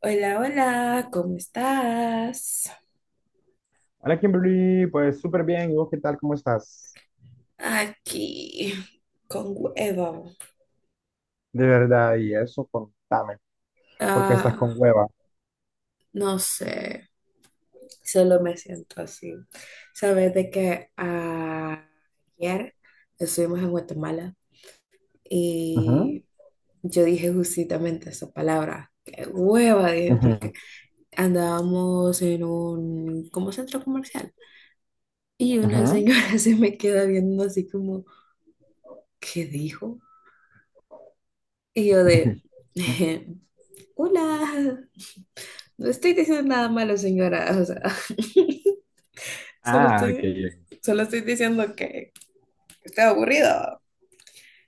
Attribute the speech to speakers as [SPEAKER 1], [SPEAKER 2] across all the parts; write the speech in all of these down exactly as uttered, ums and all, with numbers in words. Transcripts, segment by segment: [SPEAKER 1] Hola, hola, ¿cómo estás?
[SPEAKER 2] Hola Kimberly, pues súper bien. ¿Y vos qué tal? ¿Cómo estás?
[SPEAKER 1] Aquí, con huevo.
[SPEAKER 2] De verdad, y eso, contame. ¿Por qué estás con
[SPEAKER 1] Ah,
[SPEAKER 2] hueva?
[SPEAKER 1] no sé, solo me siento así. Sabes de que ayer estuvimos en Guatemala
[SPEAKER 2] Ujú,
[SPEAKER 1] y yo dije justamente esa palabra. Qué hueva, dije,
[SPEAKER 2] ujú,
[SPEAKER 1] porque andábamos en un como centro comercial y una señora
[SPEAKER 2] ujú.
[SPEAKER 1] se me queda viendo así como, ¿qué dijo? Y yo de... Hola, no estoy diciendo nada malo, señora. O sea, solo
[SPEAKER 2] Ah, ok.
[SPEAKER 1] estoy, solo estoy diciendo que está aburrido.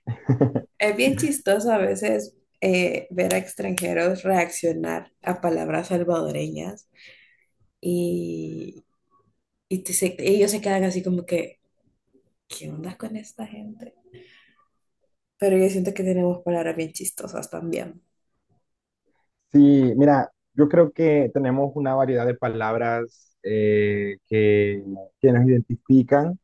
[SPEAKER 1] Es bien chistoso a veces eh, ver a extranjeros reaccionar a palabras salvadoreñas y, y te se- ellos se quedan así como que, ¿qué onda con esta gente? Pero yo siento que tenemos palabras bien chistosas también.
[SPEAKER 2] Sí, mira, yo creo que tenemos una variedad de palabras eh, que, que nos identifican,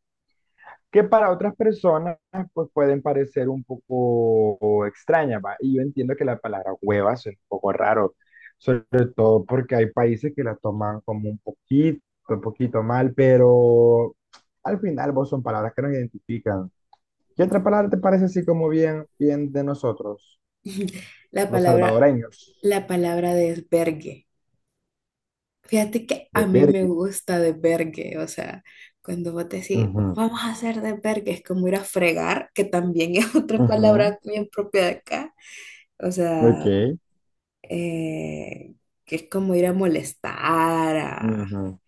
[SPEAKER 2] que para otras personas pues pueden parecer un poco extrañas, ¿va? Y yo entiendo que la palabra hueva es un poco raro, sobre todo porque hay países que la toman como un poquito, un poquito mal, pero al final vos son palabras que nos identifican. ¿Qué otra palabra te parece así como bien, bien de nosotros,
[SPEAKER 1] La
[SPEAKER 2] los
[SPEAKER 1] palabra
[SPEAKER 2] salvadoreños?
[SPEAKER 1] la palabra desvergue. Fíjate que
[SPEAKER 2] De
[SPEAKER 1] a
[SPEAKER 2] Uf,
[SPEAKER 1] mí me
[SPEAKER 2] Bergue.
[SPEAKER 1] gusta desvergue, o sea, cuando vos decís,
[SPEAKER 2] Ujú,
[SPEAKER 1] vamos a hacer desvergue, es como ir a fregar, que también es otra
[SPEAKER 2] ujú,
[SPEAKER 1] palabra bien propia de acá, o sea,
[SPEAKER 2] ok,
[SPEAKER 1] eh, que es como ir a molestar, a, a
[SPEAKER 2] ujú.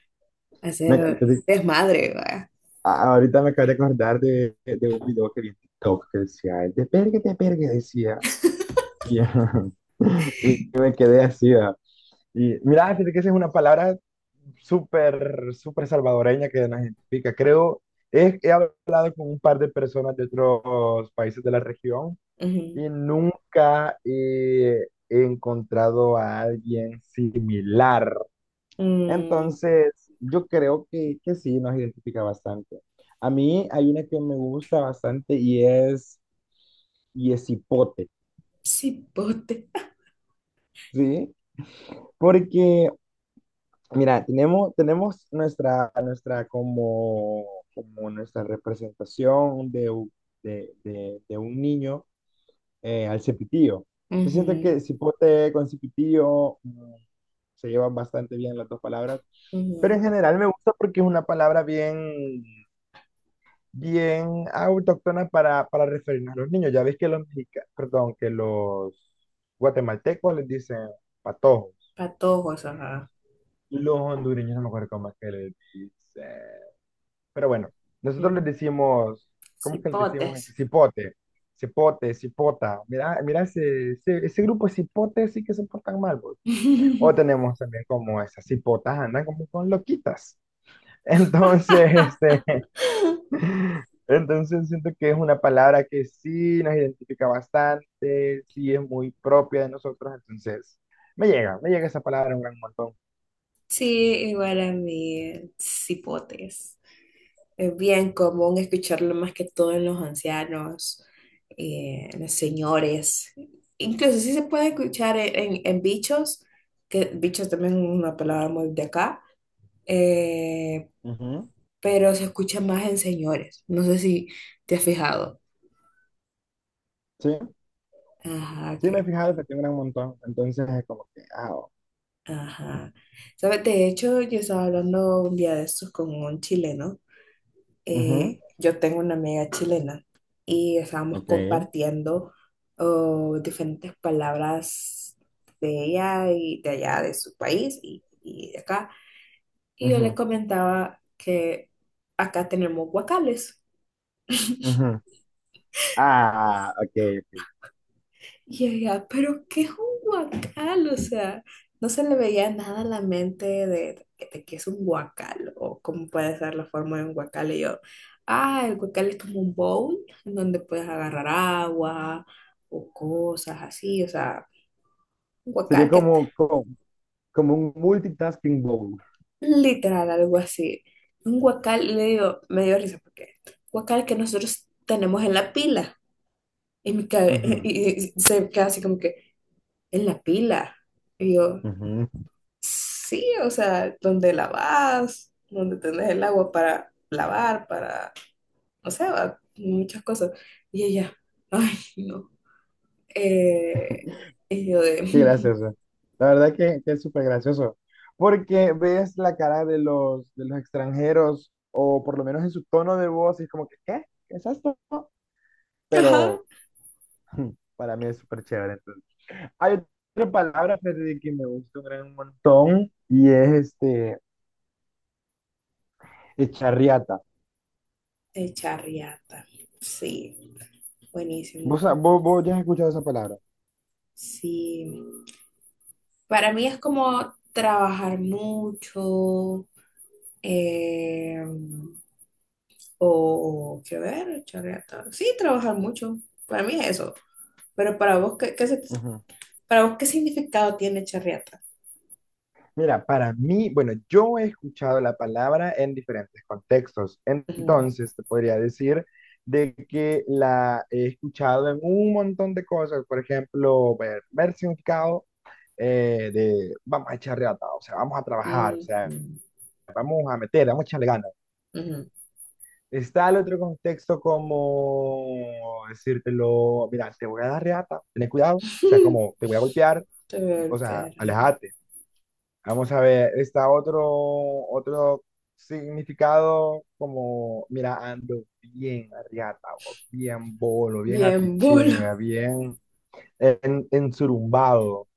[SPEAKER 2] Me,
[SPEAKER 1] hacer desmadre, ¿verdad?
[SPEAKER 2] Ah, ahorita me acabo de acordar de, de un video que vi en TikTok que decía, "el de pergue, de pergue", decía. Y, y me quedé así. Ah. Y mira, fíjate que esa es una palabra súper, súper salvadoreña que nos identifica. Creo, he, he hablado con un par de personas de otros países de la región
[SPEAKER 1] Ujú.
[SPEAKER 2] y nunca eh, he encontrado a alguien similar,
[SPEAKER 1] Mm,
[SPEAKER 2] entonces, yo creo que, que, sí, nos identifica bastante. A mí hay una que me gusta bastante y es, y es hipote,
[SPEAKER 1] cipote.
[SPEAKER 2] ¿sí? Porque, mira, tenemos, tenemos nuestra, nuestra como, como nuestra representación de, u- de, de, de un niño eh, al cepitillo. Yo siento
[SPEAKER 1] Ujú,
[SPEAKER 2] que cipote con cepitillo mm, se llevan bastante bien las dos palabras, pero
[SPEAKER 1] ujú.
[SPEAKER 2] en general me gusta porque es una palabra bien bien autóctona para, para referirnos a los niños. Ya ves que los mexicanos, perdón, que los guatemaltecos les dicen patojos.
[SPEAKER 1] Patojos, ajá.
[SPEAKER 2] Los hondureños no me acuerdo cómo es que les dicen. Pero bueno, nosotros les
[SPEAKER 1] Ujú.
[SPEAKER 2] decimos, ¿cómo es que les decimos?
[SPEAKER 1] Cipotes.
[SPEAKER 2] Cipote, cipote, cipota. Mira, mira ese, ese, ese grupo de cipotes sí que se portan mal, pues. O tenemos también como esas cipotas andan como con loquitas. Entonces, este, Entonces siento que es una palabra que sí nos identifica bastante, sí es muy propia de nosotros, entonces me llega, me llega esa palabra un gran montón.
[SPEAKER 1] Sí, igual a mí, eh, cipotes. Es bien común escucharlo más que todo en los ancianos, eh, en los señores. Incluso sí se puede escuchar en, en- en bichos, que bichos también es una palabra muy de acá, eh,
[SPEAKER 2] Ujú,
[SPEAKER 1] pero se escucha más en señores. No sé si te has fijado.
[SPEAKER 2] sí,
[SPEAKER 1] Ajá,
[SPEAKER 2] sí me he
[SPEAKER 1] que,
[SPEAKER 2] fijado que tiene un gran montón. Entonces es como que, ah, oh,
[SPEAKER 1] ajá. ¿Sabes? De hecho, yo estaba hablando un día de estos con un chileno.
[SPEAKER 2] ujú,
[SPEAKER 1] Eh, yo tengo una amiga chilena y estábamos
[SPEAKER 2] ok,
[SPEAKER 1] compartiendo oh, diferentes palabras de ella y de allá, de su país y, y de acá. Y yo le
[SPEAKER 2] ujú,
[SPEAKER 1] comentaba que acá tenemos guacales.
[SPEAKER 2] ujú. Ah, ok, ok.
[SPEAKER 1] Y ella, pero qué es un guacal, o sea, no se le veía nada a la mente de, de que es un guacal o cómo puede ser la forma de un guacal. Y yo, ah, el guacal es como un bowl en donde puedes agarrar agua o cosas así, o sea, un
[SPEAKER 2] Sería
[SPEAKER 1] guacal que
[SPEAKER 2] como, como, como un multitasking bowl.
[SPEAKER 1] literal algo así. Un guacal, y le digo, me dio risa porque guacal que nosotros tenemos en la pila. Y, mi cabe-
[SPEAKER 2] Ujú,
[SPEAKER 1] y y- se queda así como que, en la pila. Y yo,
[SPEAKER 2] ujú.
[SPEAKER 1] sí, o sea, donde lavas, donde tenés el agua para lavar, para, no sé, va, muchas cosas. Y ella, ay, no. Eh, y yo
[SPEAKER 2] Qué
[SPEAKER 1] de,
[SPEAKER 2] gracioso. La verdad que, que es súper gracioso. Porque ves la cara de los, de los extranjeros, o por lo menos en su tono de voz, y es como que, ¿qué? ¿Qué es esto?
[SPEAKER 1] ajá,
[SPEAKER 2] Pero para mí es súper chévere, entonces. Hay otra palabra, Freddy, que me gusta un gran montón, y es este, echarriata.
[SPEAKER 1] el charriata. Sí, buenísimo.
[SPEAKER 2] ¿Vos, vos, vos ya has escuchado esa palabra?
[SPEAKER 1] Sí, para mí es como trabajar mucho, eh, o, qué ver, charriata. Sí, trabajar mucho. Para mí es eso. Pero para vos, ¿qué, qué se, ¿Para vos qué significado tiene chorriata?
[SPEAKER 2] Mira, para mí, bueno, yo he escuchado la palabra en diferentes contextos,
[SPEAKER 1] Ujú,
[SPEAKER 2] entonces te podría decir de que la he escuchado en un montón de cosas, por ejemplo, ver, ver, significado eh, de vamos a echar reata, o sea, vamos a trabajar, o
[SPEAKER 1] ujú,
[SPEAKER 2] sea, vamos a meter, vamos a echarle ganas.
[SPEAKER 1] ujú.
[SPEAKER 2] Está el otro contexto como decírtelo, mira, te voy a dar reata, ten cuidado, o sea, como te voy a golpear, o sea,
[SPEAKER 1] Torperra.
[SPEAKER 2] alejate. Vamos a ver, está otro, otro significado como, mira, ando bien arriata, vos, bien bolo, bien
[SPEAKER 1] Bien, bolo.
[SPEAKER 2] apichinga, bien en, ensurumbado,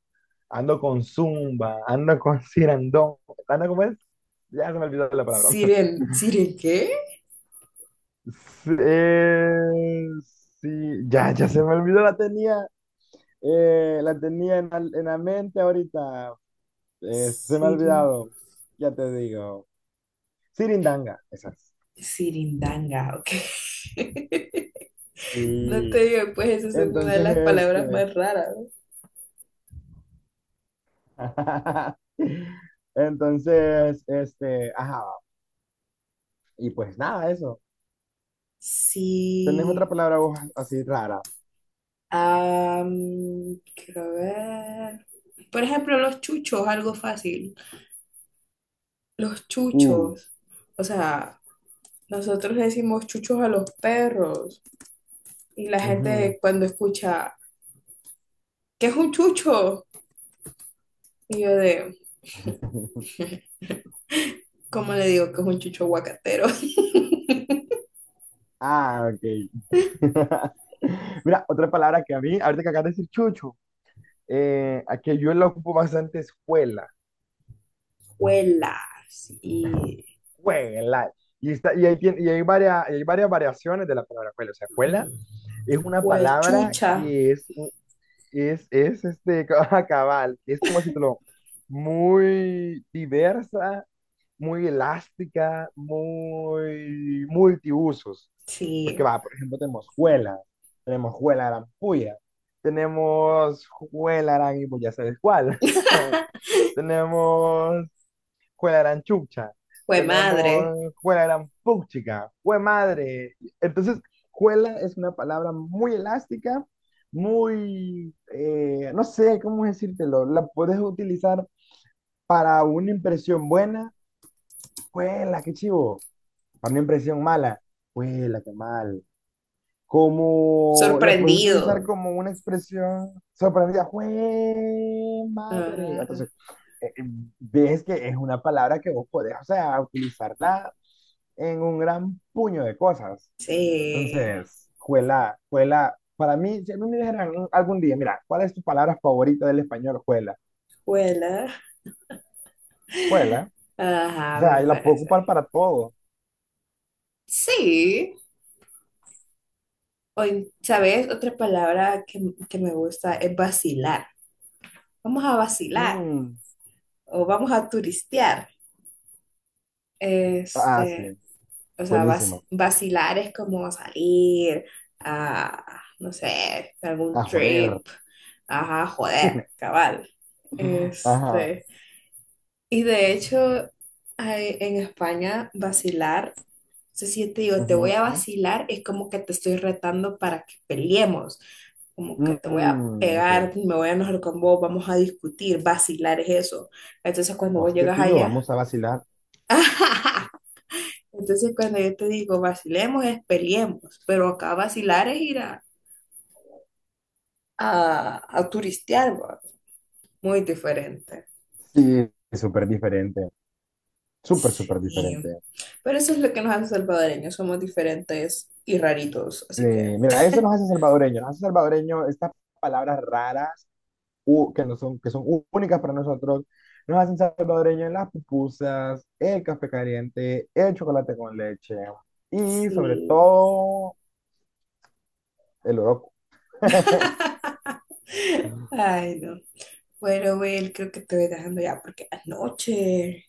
[SPEAKER 2] ando con zumba, ando con cirandón, ando como es, ya se me olvidó la palabra.
[SPEAKER 1] Siren, ¿siren qué?
[SPEAKER 2] Sí, eh, sí, ya, ya se me olvidó, la tenía, eh, la tenía en, la- en la mente ahorita, se me ha
[SPEAKER 1] Sirin,
[SPEAKER 2] olvidado. Sirindanga, esas.
[SPEAKER 1] sirindanga, ok. No te
[SPEAKER 2] Sí.
[SPEAKER 1] digo, pues esas son una de
[SPEAKER 2] Entonces,
[SPEAKER 1] las palabras
[SPEAKER 2] este,
[SPEAKER 1] más raras. ¿No?
[SPEAKER 2] entonces, este, ajá, y pues nada, eso. ¿Tenés otra
[SPEAKER 1] Sí.
[SPEAKER 2] palabra vos así rara?
[SPEAKER 1] Am, quiero ver. Por ejemplo, los chuchos, algo fácil. Los
[SPEAKER 2] Uh.
[SPEAKER 1] chuchos. O sea, nosotros decimos chuchos a los perros. Y la gente
[SPEAKER 2] Ujú.
[SPEAKER 1] cuando escucha, ¿qué es un chucho? Y yo de, ¿cómo le digo que es un chucho aguacatero?
[SPEAKER 2] Ah, ok. Mira, otra palabra que a mí, ahorita que acabas de decir chucho, eh, a que yo la ocupo bastante es cuela,
[SPEAKER 1] Juelas y
[SPEAKER 2] cuela. Y, está, y, hay, tien- y hay, varias, y hay varias variaciones de la palabra cuela. O sea, cuela es una palabra
[SPEAKER 1] juechucha,
[SPEAKER 2] que es, Es, es este ca- cabal, es como si te lo muy diversa, muy elástica, muy multiusos. Porque
[SPEAKER 1] sí,
[SPEAKER 2] va, por ejemplo, tenemos juela, tenemos juela arampuya, tenemos juela arampuya, ya sabes cuál. Tenemos juega gran chucha,
[SPEAKER 1] fue madre,
[SPEAKER 2] tenemos juega gran puchica, jue madre. Entonces, juela es una palabra muy elástica, muy, eh, no sé cómo decírtelo, la puedes utilizar para una impresión buena, juela, qué chivo, para una impresión mala, juela, qué mal, como la puedes utilizar
[SPEAKER 1] sorprendido,
[SPEAKER 2] como una expresión sorprendida, ¡jue madre! Entonces,
[SPEAKER 1] ajá,
[SPEAKER 2] eh, eh, ves que es una palabra que vos podés, o sea, utilizarla en un gran puño de cosas.
[SPEAKER 1] sí,
[SPEAKER 2] Entonces, juela, juela, para mí, si a mí me dijeran un- algún día, mira, ¿cuál es tu palabra favorita del español? Juela,
[SPEAKER 1] juela,
[SPEAKER 2] juela, o
[SPEAKER 1] ajá,
[SPEAKER 2] sea,
[SPEAKER 1] me
[SPEAKER 2] y la puedo
[SPEAKER 1] parece.
[SPEAKER 2] ocupar para todo.
[SPEAKER 1] Sí, o, ¿sabes? Otra palabra que, que me gusta es vacilar. Vamos a vacilar
[SPEAKER 2] Mm,
[SPEAKER 1] o vamos a turistear.
[SPEAKER 2] ah, sí,
[SPEAKER 1] Este, o sea, vac-
[SPEAKER 2] buenísimo.
[SPEAKER 1] vacilar es como salir a, no sé, algún
[SPEAKER 2] A joder.
[SPEAKER 1] trip, ajá, joder, cabal.
[SPEAKER 2] Ajá.
[SPEAKER 1] Este, y de hecho, hay- en España, vacilar, o sea, si yo te digo, te voy
[SPEAKER 2] Ujú.
[SPEAKER 1] a vacilar, es como que te estoy retando para que peleemos, como que te voy a
[SPEAKER 2] Mm, ok.
[SPEAKER 1] pegar, me voy a enojar con vos, vamos a discutir, vacilar es eso. Entonces, cuando vos
[SPEAKER 2] Hostia,
[SPEAKER 1] llegas
[SPEAKER 2] tío,
[SPEAKER 1] allá,
[SPEAKER 2] vamos a vacilar.
[SPEAKER 1] entonces, cuando yo te digo vacilemos, es peleemos, pero acá vacilar es ir a, a, a turistear, ¿va? Muy diferente.
[SPEAKER 2] Sí, es súper diferente. Súper, súper diferente.
[SPEAKER 1] Sí. Pero eso es lo que nos hace salvadoreños, somos diferentes y raritos,
[SPEAKER 2] Sí,
[SPEAKER 1] así que
[SPEAKER 2] mira, eso nos hace salvadoreños. Nos hace salvadoreños estas palabras raras u- que, no son, que son ú- únicas para nosotros. Nos hacen salvadoreños las pupusas, el café caliente, el chocolate con leche y sobre
[SPEAKER 1] sí.
[SPEAKER 2] todo el oroco.
[SPEAKER 1] Ay, no. Bueno, Will, creo que te voy dejando ya porque es noche.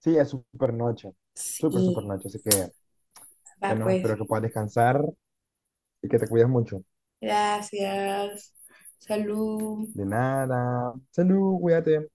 [SPEAKER 2] Sí, es súper noche. Súper, súper
[SPEAKER 1] Sí.
[SPEAKER 2] noche. Así que,
[SPEAKER 1] Va,
[SPEAKER 2] bueno,
[SPEAKER 1] pues.
[SPEAKER 2] espero que puedas descansar y que te cuides mucho.
[SPEAKER 1] Gracias. Salud.
[SPEAKER 2] De nada. Salud, cuídate.